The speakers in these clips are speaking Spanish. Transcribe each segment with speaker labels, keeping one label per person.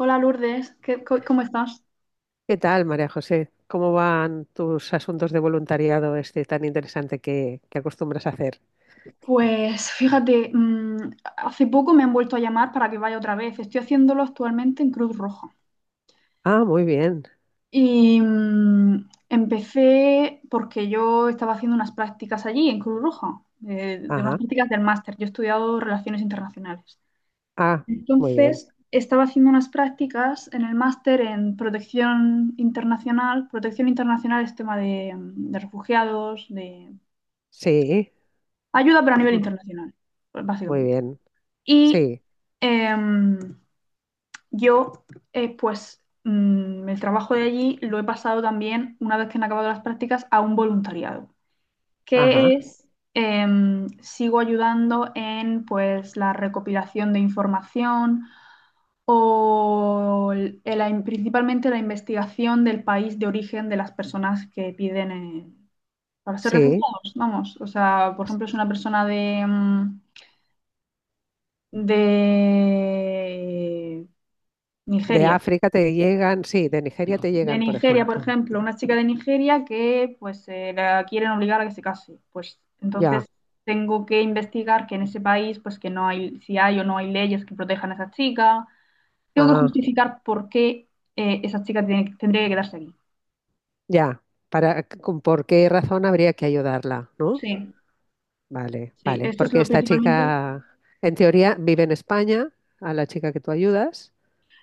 Speaker 1: Hola, Lourdes, ¿cómo estás?
Speaker 2: ¿Qué tal, María José? ¿Cómo van tus asuntos de voluntariado este tan interesante que acostumbras a hacer?
Speaker 1: Pues fíjate, hace poco me han vuelto a llamar para que vaya otra vez. Estoy haciéndolo actualmente en Cruz Roja.
Speaker 2: Ah, muy bien.
Speaker 1: Empecé porque yo estaba haciendo unas prácticas allí en Cruz Roja, de unas
Speaker 2: Ajá.
Speaker 1: prácticas del máster. Yo he estudiado Relaciones Internacionales.
Speaker 2: Ah, muy bien.
Speaker 1: Entonces, estaba haciendo unas prácticas en el máster en protección internacional. Protección internacional es tema de, de refugiados, de
Speaker 2: Sí.
Speaker 1: ayuda, pero a nivel
Speaker 2: Ujú.
Speaker 1: internacional, pues,
Speaker 2: Muy
Speaker 1: básicamente.
Speaker 2: bien.
Speaker 1: Y
Speaker 2: Sí.
Speaker 1: em, yo, el trabajo de allí lo he pasado también, una vez que han acabado las prácticas, a un voluntariado, que
Speaker 2: Ajá.
Speaker 1: es, sigo ayudando en, pues, la recopilación de información o el- la in- principalmente la investigación del país de origen de las personas que piden para ser
Speaker 2: Sí.
Speaker 1: refugiados, vamos. O sea, por ejemplo, es una persona de
Speaker 2: De
Speaker 1: Nigeria.
Speaker 2: África te llegan, sí, de Nigeria te
Speaker 1: De
Speaker 2: llegan, por
Speaker 1: Nigeria, por
Speaker 2: ejemplo.
Speaker 1: ejemplo, una chica de Nigeria que pues la quieren obligar a que se case. Pues
Speaker 2: Ya.
Speaker 1: entonces tengo que investigar que en ese país, pues que no hay, si hay o no hay leyes que protejan a esa chica. Tengo que
Speaker 2: Ah,
Speaker 1: justificar por qué tendría que quedarse aquí.
Speaker 2: ya. ¿Por qué razón habría que ayudarla, ¿no?
Speaker 1: Sí,
Speaker 2: Vale,
Speaker 1: sí,
Speaker 2: vale.
Speaker 1: esto es
Speaker 2: Porque
Speaker 1: lo
Speaker 2: esta
Speaker 1: principalmente.
Speaker 2: chica, en teoría, vive en España, a la chica que tú ayudas.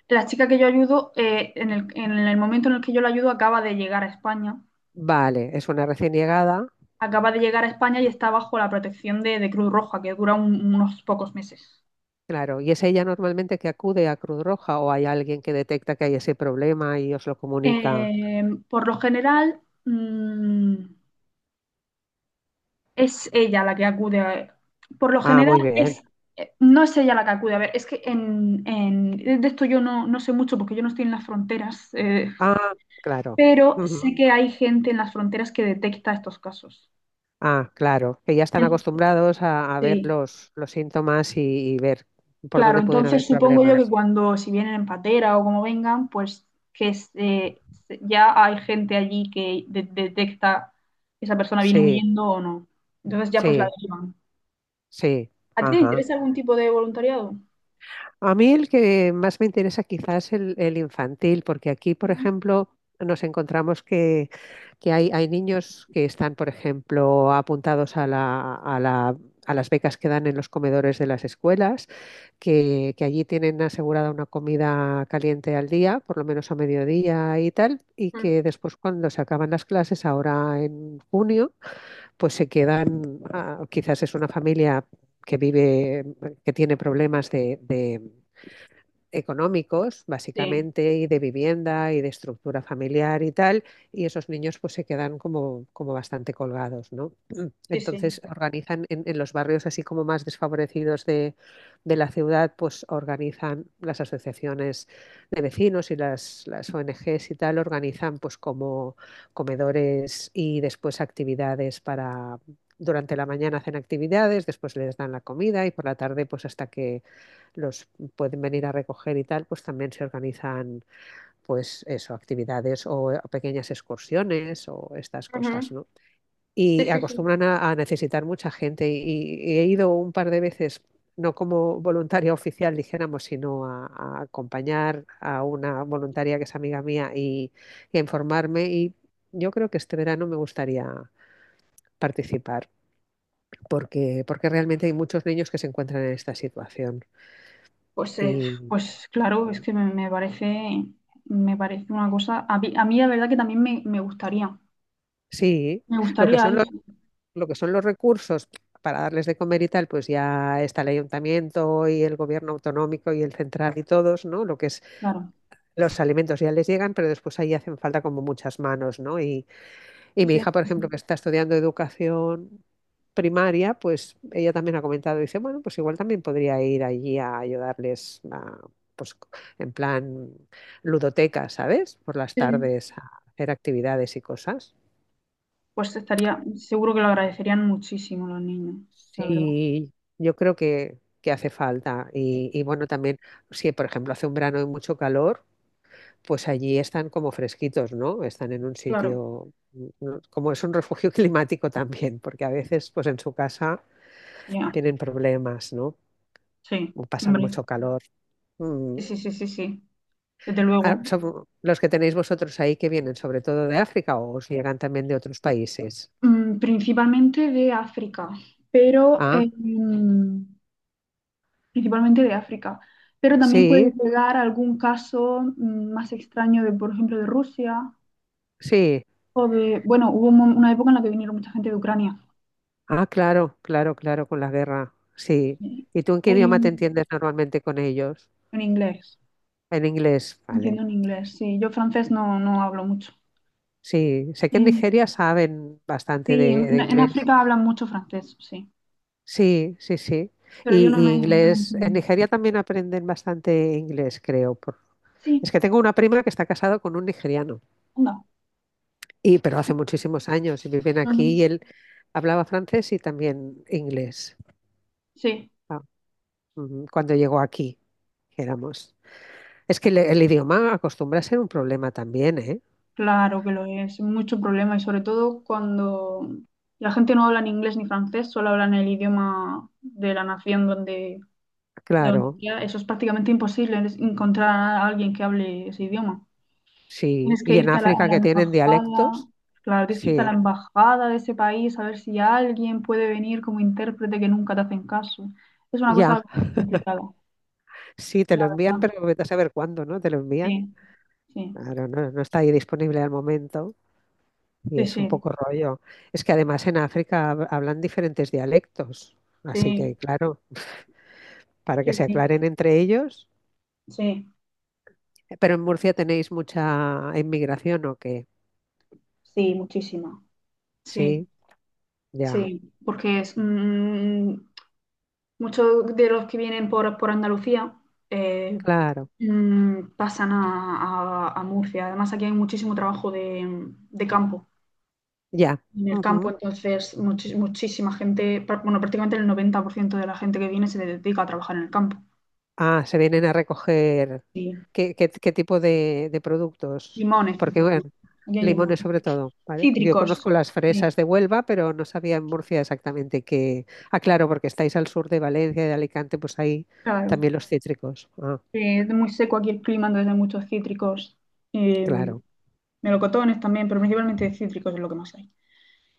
Speaker 1: La chica que yo ayudo, en el momento en el que yo la ayudo,
Speaker 2: Vale, es una recién llegada,
Speaker 1: acaba de llegar a España y está bajo la protección de Cruz Roja, que dura unos pocos meses.
Speaker 2: claro, y es ella normalmente que acude a Cruz Roja o hay alguien que detecta que hay ese problema y os lo comunica.
Speaker 1: Eh, por lo general, es ella la que Por lo
Speaker 2: Ah,
Speaker 1: general,
Speaker 2: muy bien.
Speaker 1: es, no es ella la que acude. A ver, es que de esto yo no, no sé mucho porque yo no estoy en las fronteras,
Speaker 2: Ah, claro.
Speaker 1: pero
Speaker 2: Ujú.
Speaker 1: sé que hay gente en las fronteras que detecta estos casos.
Speaker 2: Ah, claro, que ya están
Speaker 1: En-
Speaker 2: acostumbrados a ver
Speaker 1: Sí.
Speaker 2: los síntomas y ver por
Speaker 1: Claro,
Speaker 2: dónde pueden haber
Speaker 1: entonces supongo yo que
Speaker 2: problemas.
Speaker 1: cuando, si vienen en patera o como vengan, pues que es, eh, ya hay gente allí que detecta que esa persona viene
Speaker 2: Sí,
Speaker 1: huyendo o no. Entonces ya pues la
Speaker 2: sí,
Speaker 1: derivan.
Speaker 2: sí.
Speaker 1: ¿A ti te
Speaker 2: Ajá.
Speaker 1: interesa algún tipo de voluntariado?
Speaker 2: A mí el que más me interesa quizás es el infantil, porque aquí, por
Speaker 1: Ujú.
Speaker 2: ejemplo, nos encontramos que hay niños que están, por ejemplo, apuntados a a las becas que dan en los comedores de las escuelas, que allí tienen asegurada una comida caliente al día, por lo menos a mediodía y tal, y
Speaker 1: Mm.
Speaker 2: que después cuando se acaban las clases, ahora en junio, pues se quedan, ah, quizás es una familia que vive, que tiene problemas de, económicos,
Speaker 1: Sí,
Speaker 2: básicamente, y de vivienda y de estructura familiar y tal, y esos niños pues se quedan como, como bastante colgados, ¿no?
Speaker 1: sí, sí.
Speaker 2: Entonces organizan en los barrios así como más desfavorecidos de la ciudad, pues organizan las asociaciones de vecinos y las ONGs y tal, organizan pues como comedores y después actividades para... Durante la mañana hacen actividades, después les dan la comida y por la tarde pues hasta que los pueden venir a recoger y tal, pues también se organizan, pues eso, actividades o pequeñas excursiones o estas
Speaker 1: Ujú.
Speaker 2: cosas, ¿no?
Speaker 1: Sí,
Speaker 2: Y
Speaker 1: sí, sí.
Speaker 2: acostumbran a necesitar mucha gente y he ido un par de veces no como voluntaria oficial, dijéramos, sino a acompañar a una voluntaria que es amiga mía y a informarme. Y yo creo que este verano me gustaría participar, porque, porque realmente hay muchos niños que se encuentran en esta situación
Speaker 1: Pues, eh,
Speaker 2: y,
Speaker 1: pues claro, es que me parece una cosa. A mí la verdad que también me gustaría.
Speaker 2: sí,
Speaker 1: Me
Speaker 2: lo que
Speaker 1: gustaría
Speaker 2: son los,
Speaker 1: eso,
Speaker 2: lo que son los recursos para darles de comer y tal, pues ya está el ayuntamiento y el gobierno autonómico y el central y todos, ¿no? Lo que es
Speaker 1: claro.
Speaker 2: los alimentos ya les llegan, pero después ahí hacen falta como muchas manos, ¿no? Y mi
Speaker 1: Sí,
Speaker 2: hija, por
Speaker 1: sí,
Speaker 2: ejemplo, que
Speaker 1: sí.
Speaker 2: está estudiando educación primaria, pues ella también ha comentado, dice, bueno, pues igual también podría ir allí a ayudarles a, pues en plan ludoteca, ¿sabes? Por las
Speaker 1: Sí, sí.
Speaker 2: tardes a hacer actividades y cosas.
Speaker 1: Pues estaría, seguro que lo agradecerían muchísimo los niños, la verdad.
Speaker 2: Sí, yo creo que hace falta. Y bueno, también, si por ejemplo hace un verano de mucho calor, pues allí están como fresquitos, ¿no? Están en un
Speaker 1: Claro,
Speaker 2: sitio, como es un refugio climático también, porque a veces pues en su casa
Speaker 1: ya,
Speaker 2: tienen problemas, ¿no?
Speaker 1: sí,
Speaker 2: O pasan
Speaker 1: hombre.
Speaker 2: mucho calor. Mm.
Speaker 1: Sí, sí, sí, sí, sí, desde
Speaker 2: Ah,
Speaker 1: luego.
Speaker 2: son los que tenéis vosotros ahí que vienen sobre todo de África o os llegan también de otros países.
Speaker 1: Principalmente de África, pero
Speaker 2: Ah,
Speaker 1: principalmente de África. Pero también puede
Speaker 2: sí,
Speaker 1: llegar algún caso más extraño de, por ejemplo, de Rusia
Speaker 2: sí.
Speaker 1: o de, bueno, hubo una época en la que vinieron mucha gente de Ucrania.
Speaker 2: Ah, claro, claro, claro, con la guerra. Sí.
Speaker 1: Eh,
Speaker 2: ¿Y tú en qué idioma te
Speaker 1: en
Speaker 2: entiendes normalmente con ellos?
Speaker 1: inglés,
Speaker 2: En inglés, vale.
Speaker 1: entiendo en inglés. Sí, yo francés no, no hablo mucho.
Speaker 2: Sí, sé que en
Speaker 1: Eh,
Speaker 2: Nigeria saben bastante
Speaker 1: Sí,
Speaker 2: de
Speaker 1: en
Speaker 2: inglés.
Speaker 1: África hablan mucho francés, sí.
Speaker 2: Sí, sí, sí.
Speaker 1: Pero yo no
Speaker 2: Y
Speaker 1: me, no me
Speaker 2: inglés, en
Speaker 1: entiendo.
Speaker 2: Nigeria también aprenden bastante inglés, creo.
Speaker 1: Sí,
Speaker 2: Es que tengo una prima que está casada con un nigeriano,
Speaker 1: anda.
Speaker 2: y, pero hace muchísimos años y viven aquí y
Speaker 1: Ujú.
Speaker 2: él hablaba francés y también inglés.
Speaker 1: Sí,
Speaker 2: Ah, ujú, cuando llegó aquí, éramos. Es que el idioma acostumbra a ser un problema también, ¿eh?
Speaker 1: claro que lo es. Mucho problema y sobre todo cuando la gente no habla ni inglés ni francés, solo hablan el idioma de la nación donde, de donde
Speaker 2: Claro,
Speaker 1: sea. Eso es prácticamente imposible, es encontrar a alguien que hable ese idioma.
Speaker 2: sí.
Speaker 1: Tienes que
Speaker 2: Y en
Speaker 1: irte a la, a
Speaker 2: África
Speaker 1: la
Speaker 2: que tienen
Speaker 1: embajada.
Speaker 2: dialectos,
Speaker 1: Claro, tienes que irte a la
Speaker 2: sí.
Speaker 1: embajada de ese país a ver si alguien puede venir como intérprete, que nunca te hacen caso. Es una
Speaker 2: Ya,
Speaker 1: cosa complicada,
Speaker 2: sí, te
Speaker 1: la
Speaker 2: lo envían,
Speaker 1: verdad.
Speaker 2: pero vete a saber cuándo, ¿no? Te lo envían.
Speaker 1: Sí, sí,
Speaker 2: Claro, no, no está ahí disponible al momento y
Speaker 1: sí,
Speaker 2: es un
Speaker 1: sí,
Speaker 2: poco rollo. Es que además en África hablan diferentes dialectos, así que
Speaker 1: sí,
Speaker 2: claro, para que
Speaker 1: sí,
Speaker 2: se
Speaker 1: sí,
Speaker 2: aclaren entre ellos.
Speaker 1: sí,
Speaker 2: Pero en Murcia tenéis mucha inmigración, ¿o qué?
Speaker 1: sí, muchísimo. Sí,
Speaker 2: Sí, ya,
Speaker 1: sí, porque es, muchos de los que vienen por Andalucía eh,
Speaker 2: claro,
Speaker 1: pasan a Murcia. Además, aquí hay muchísimo trabajo de campo.
Speaker 2: ya.
Speaker 1: En el campo,
Speaker 2: Ujú.
Speaker 1: entonces muchísima gente, bueno, prácticamente el 90% de la gente que viene se dedica a trabajar en el campo.
Speaker 2: Ah, se vienen a recoger.
Speaker 1: Sí.
Speaker 2: ¿Qué tipo de productos?
Speaker 1: Limones,
Speaker 2: Porque,
Speaker 1: principalmente.
Speaker 2: bueno,
Speaker 1: Aquí hay
Speaker 2: limones
Speaker 1: limones.
Speaker 2: sobre todo, ¿vale? Yo
Speaker 1: Cítricos,
Speaker 2: conozco las
Speaker 1: sí,
Speaker 2: fresas de Huelva, pero no sabía en Murcia exactamente qué. Ah, claro, porque estáis al sur de Valencia y de Alicante, pues ahí
Speaker 1: claro.
Speaker 2: también los cítricos. Ah,
Speaker 1: Es muy seco aquí el clima, entonces hay muchos cítricos. Eh,
Speaker 2: claro.
Speaker 1: Melocotones también, pero principalmente cítricos es lo que más hay.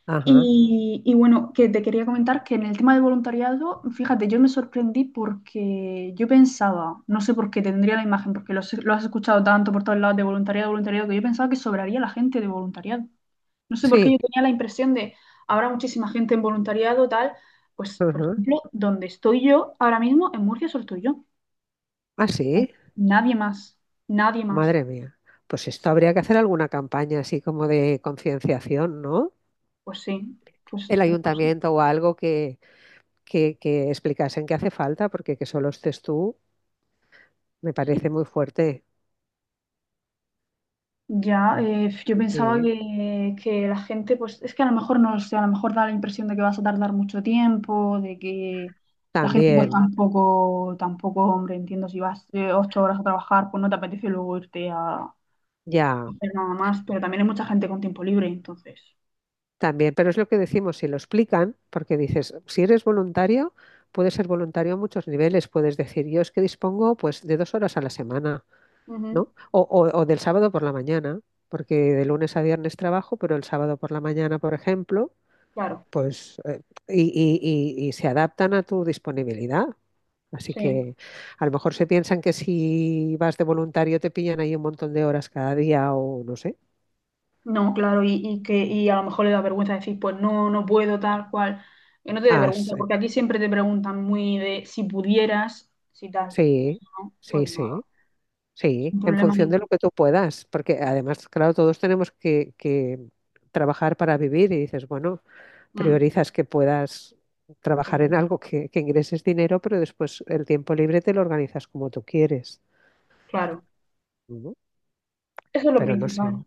Speaker 2: Ajá.
Speaker 1: Y bueno, que te quería comentar que en el tema del voluntariado, fíjate, yo me sorprendí porque yo pensaba, no sé por qué tendría la imagen, porque lo, has, lo has escuchado tanto por todos lados, de voluntariado, voluntariado, que yo pensaba que sobraría la gente de voluntariado. No sé por qué yo
Speaker 2: Sí.
Speaker 1: tenía la impresión de, habrá muchísima gente en voluntariado, tal. Pues, por
Speaker 2: Ajá.
Speaker 1: ejemplo, donde estoy yo ahora mismo, en Murcia solo estoy yo.
Speaker 2: Ah,
Speaker 1: No,
Speaker 2: sí.
Speaker 1: nadie más, nadie más.
Speaker 2: Madre mía. Pues esto habría que hacer alguna campaña así como de concienciación, ¿no?
Speaker 1: Pues sí, pues
Speaker 2: El
Speaker 1: no sé,
Speaker 2: ayuntamiento o algo que explicasen que hace falta, porque que solo estés tú me
Speaker 1: sí.
Speaker 2: parece muy fuerte.
Speaker 1: Ya, yo pensaba
Speaker 2: Sí.
Speaker 1: que la gente, pues es que a lo mejor no lo sé, a lo mejor da la impresión de que vas a tardar mucho tiempo, de que la gente pues
Speaker 2: También,
Speaker 1: tampoco, tampoco, hombre, entiendo, si vas 8 horas a trabajar, pues no te apetece luego irte a
Speaker 2: ya,
Speaker 1: hacer nada más, pero también hay mucha gente con tiempo libre, entonces.
Speaker 2: también, pero es lo que decimos, si lo explican, porque dices, si eres voluntario, puedes ser voluntario a muchos niveles, puedes decir, yo es que dispongo pues de 2 horas a la semana,
Speaker 1: Ujú,
Speaker 2: ¿no? O del sábado por la mañana, porque de lunes a viernes trabajo, pero el sábado por la mañana, por ejemplo,
Speaker 1: claro,
Speaker 2: pues, y se adaptan a tu disponibilidad. Así
Speaker 1: sí.
Speaker 2: que a lo mejor se piensan que si vas de voluntario te pillan ahí un montón de horas cada día o no sé.
Speaker 1: No, claro, y que y a lo mejor le da vergüenza decir, pues no, no puedo, tal cual. Que no te dé vergüenza, porque aquí siempre te preguntan muy de si pudieras, si tal. Pues
Speaker 2: Sí,
Speaker 1: si no, pues
Speaker 2: sí,
Speaker 1: no.
Speaker 2: sí, sí,
Speaker 1: Sin
Speaker 2: en
Speaker 1: problema
Speaker 2: función de lo
Speaker 1: ninguno.
Speaker 2: que tú puedas, porque además, claro, todos tenemos que trabajar para vivir y dices, bueno,
Speaker 1: Mm,
Speaker 2: priorizas que puedas trabajar
Speaker 1: claro,
Speaker 2: en algo que ingreses dinero, pero después el tiempo libre te lo organizas como tú quieres.
Speaker 1: claro.
Speaker 2: Ujú.
Speaker 1: Eso es lo
Speaker 2: Pero no sé,
Speaker 1: principal.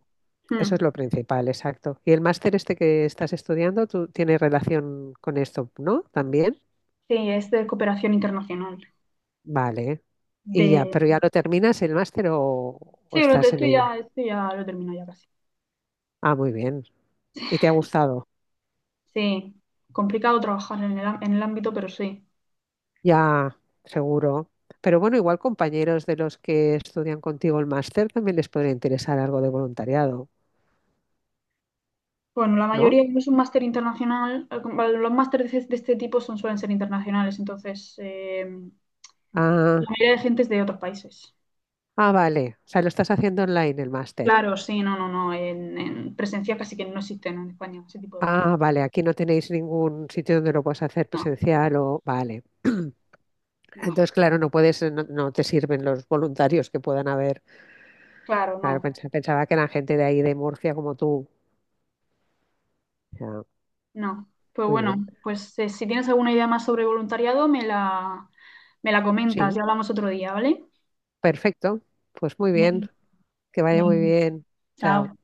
Speaker 2: eso
Speaker 1: Mm.
Speaker 2: es lo principal, exacto. Y el máster este que estás estudiando, tú tienes relación con esto, ¿no? También,
Speaker 1: Sí, es de cooperación internacional.
Speaker 2: vale. Y ya,
Speaker 1: De...
Speaker 2: pero ya lo terminas el máster o
Speaker 1: Sí,
Speaker 2: estás en ello.
Speaker 1: esto ya lo termino ya casi.
Speaker 2: Ah, muy bien. Y te ha gustado.
Speaker 1: Sí, complicado trabajar en el, en el ámbito, pero sí.
Speaker 2: Ya, seguro. Pero bueno, igual compañeros de los que estudian contigo el máster también les podría interesar algo de voluntariado,
Speaker 1: Bueno, la
Speaker 2: ¿no?
Speaker 1: mayoría es un máster internacional. Los másteres de este tipo son, suelen ser internacionales, entonces la
Speaker 2: Ah,
Speaker 1: mayoría de gente es de otros países.
Speaker 2: ah, vale. O sea, lo estás haciendo online el máster.
Speaker 1: Claro, sí, no, no, no. En presencia casi que no existen en España ese tipo de máster.
Speaker 2: Ah, vale. Aquí no tenéis ningún sitio donde lo puedas hacer
Speaker 1: No,
Speaker 2: presencial o... Vale.
Speaker 1: no.
Speaker 2: Entonces, claro, no puedes, no, no te sirven los voluntarios que puedan haber.
Speaker 1: Claro,
Speaker 2: Claro,
Speaker 1: no.
Speaker 2: pensaba que eran gente de ahí, de Murcia, como tú. Ya,
Speaker 1: No. Pues
Speaker 2: muy
Speaker 1: bueno,
Speaker 2: bien.
Speaker 1: si tienes alguna idea más sobre voluntariado, me la comentas y
Speaker 2: Sí,
Speaker 1: hablamos otro día, ¿vale?
Speaker 2: perfecto. Pues muy bien.
Speaker 1: Ven,
Speaker 2: Que vaya muy
Speaker 1: ven.
Speaker 2: bien.
Speaker 1: Chao.
Speaker 2: Chao.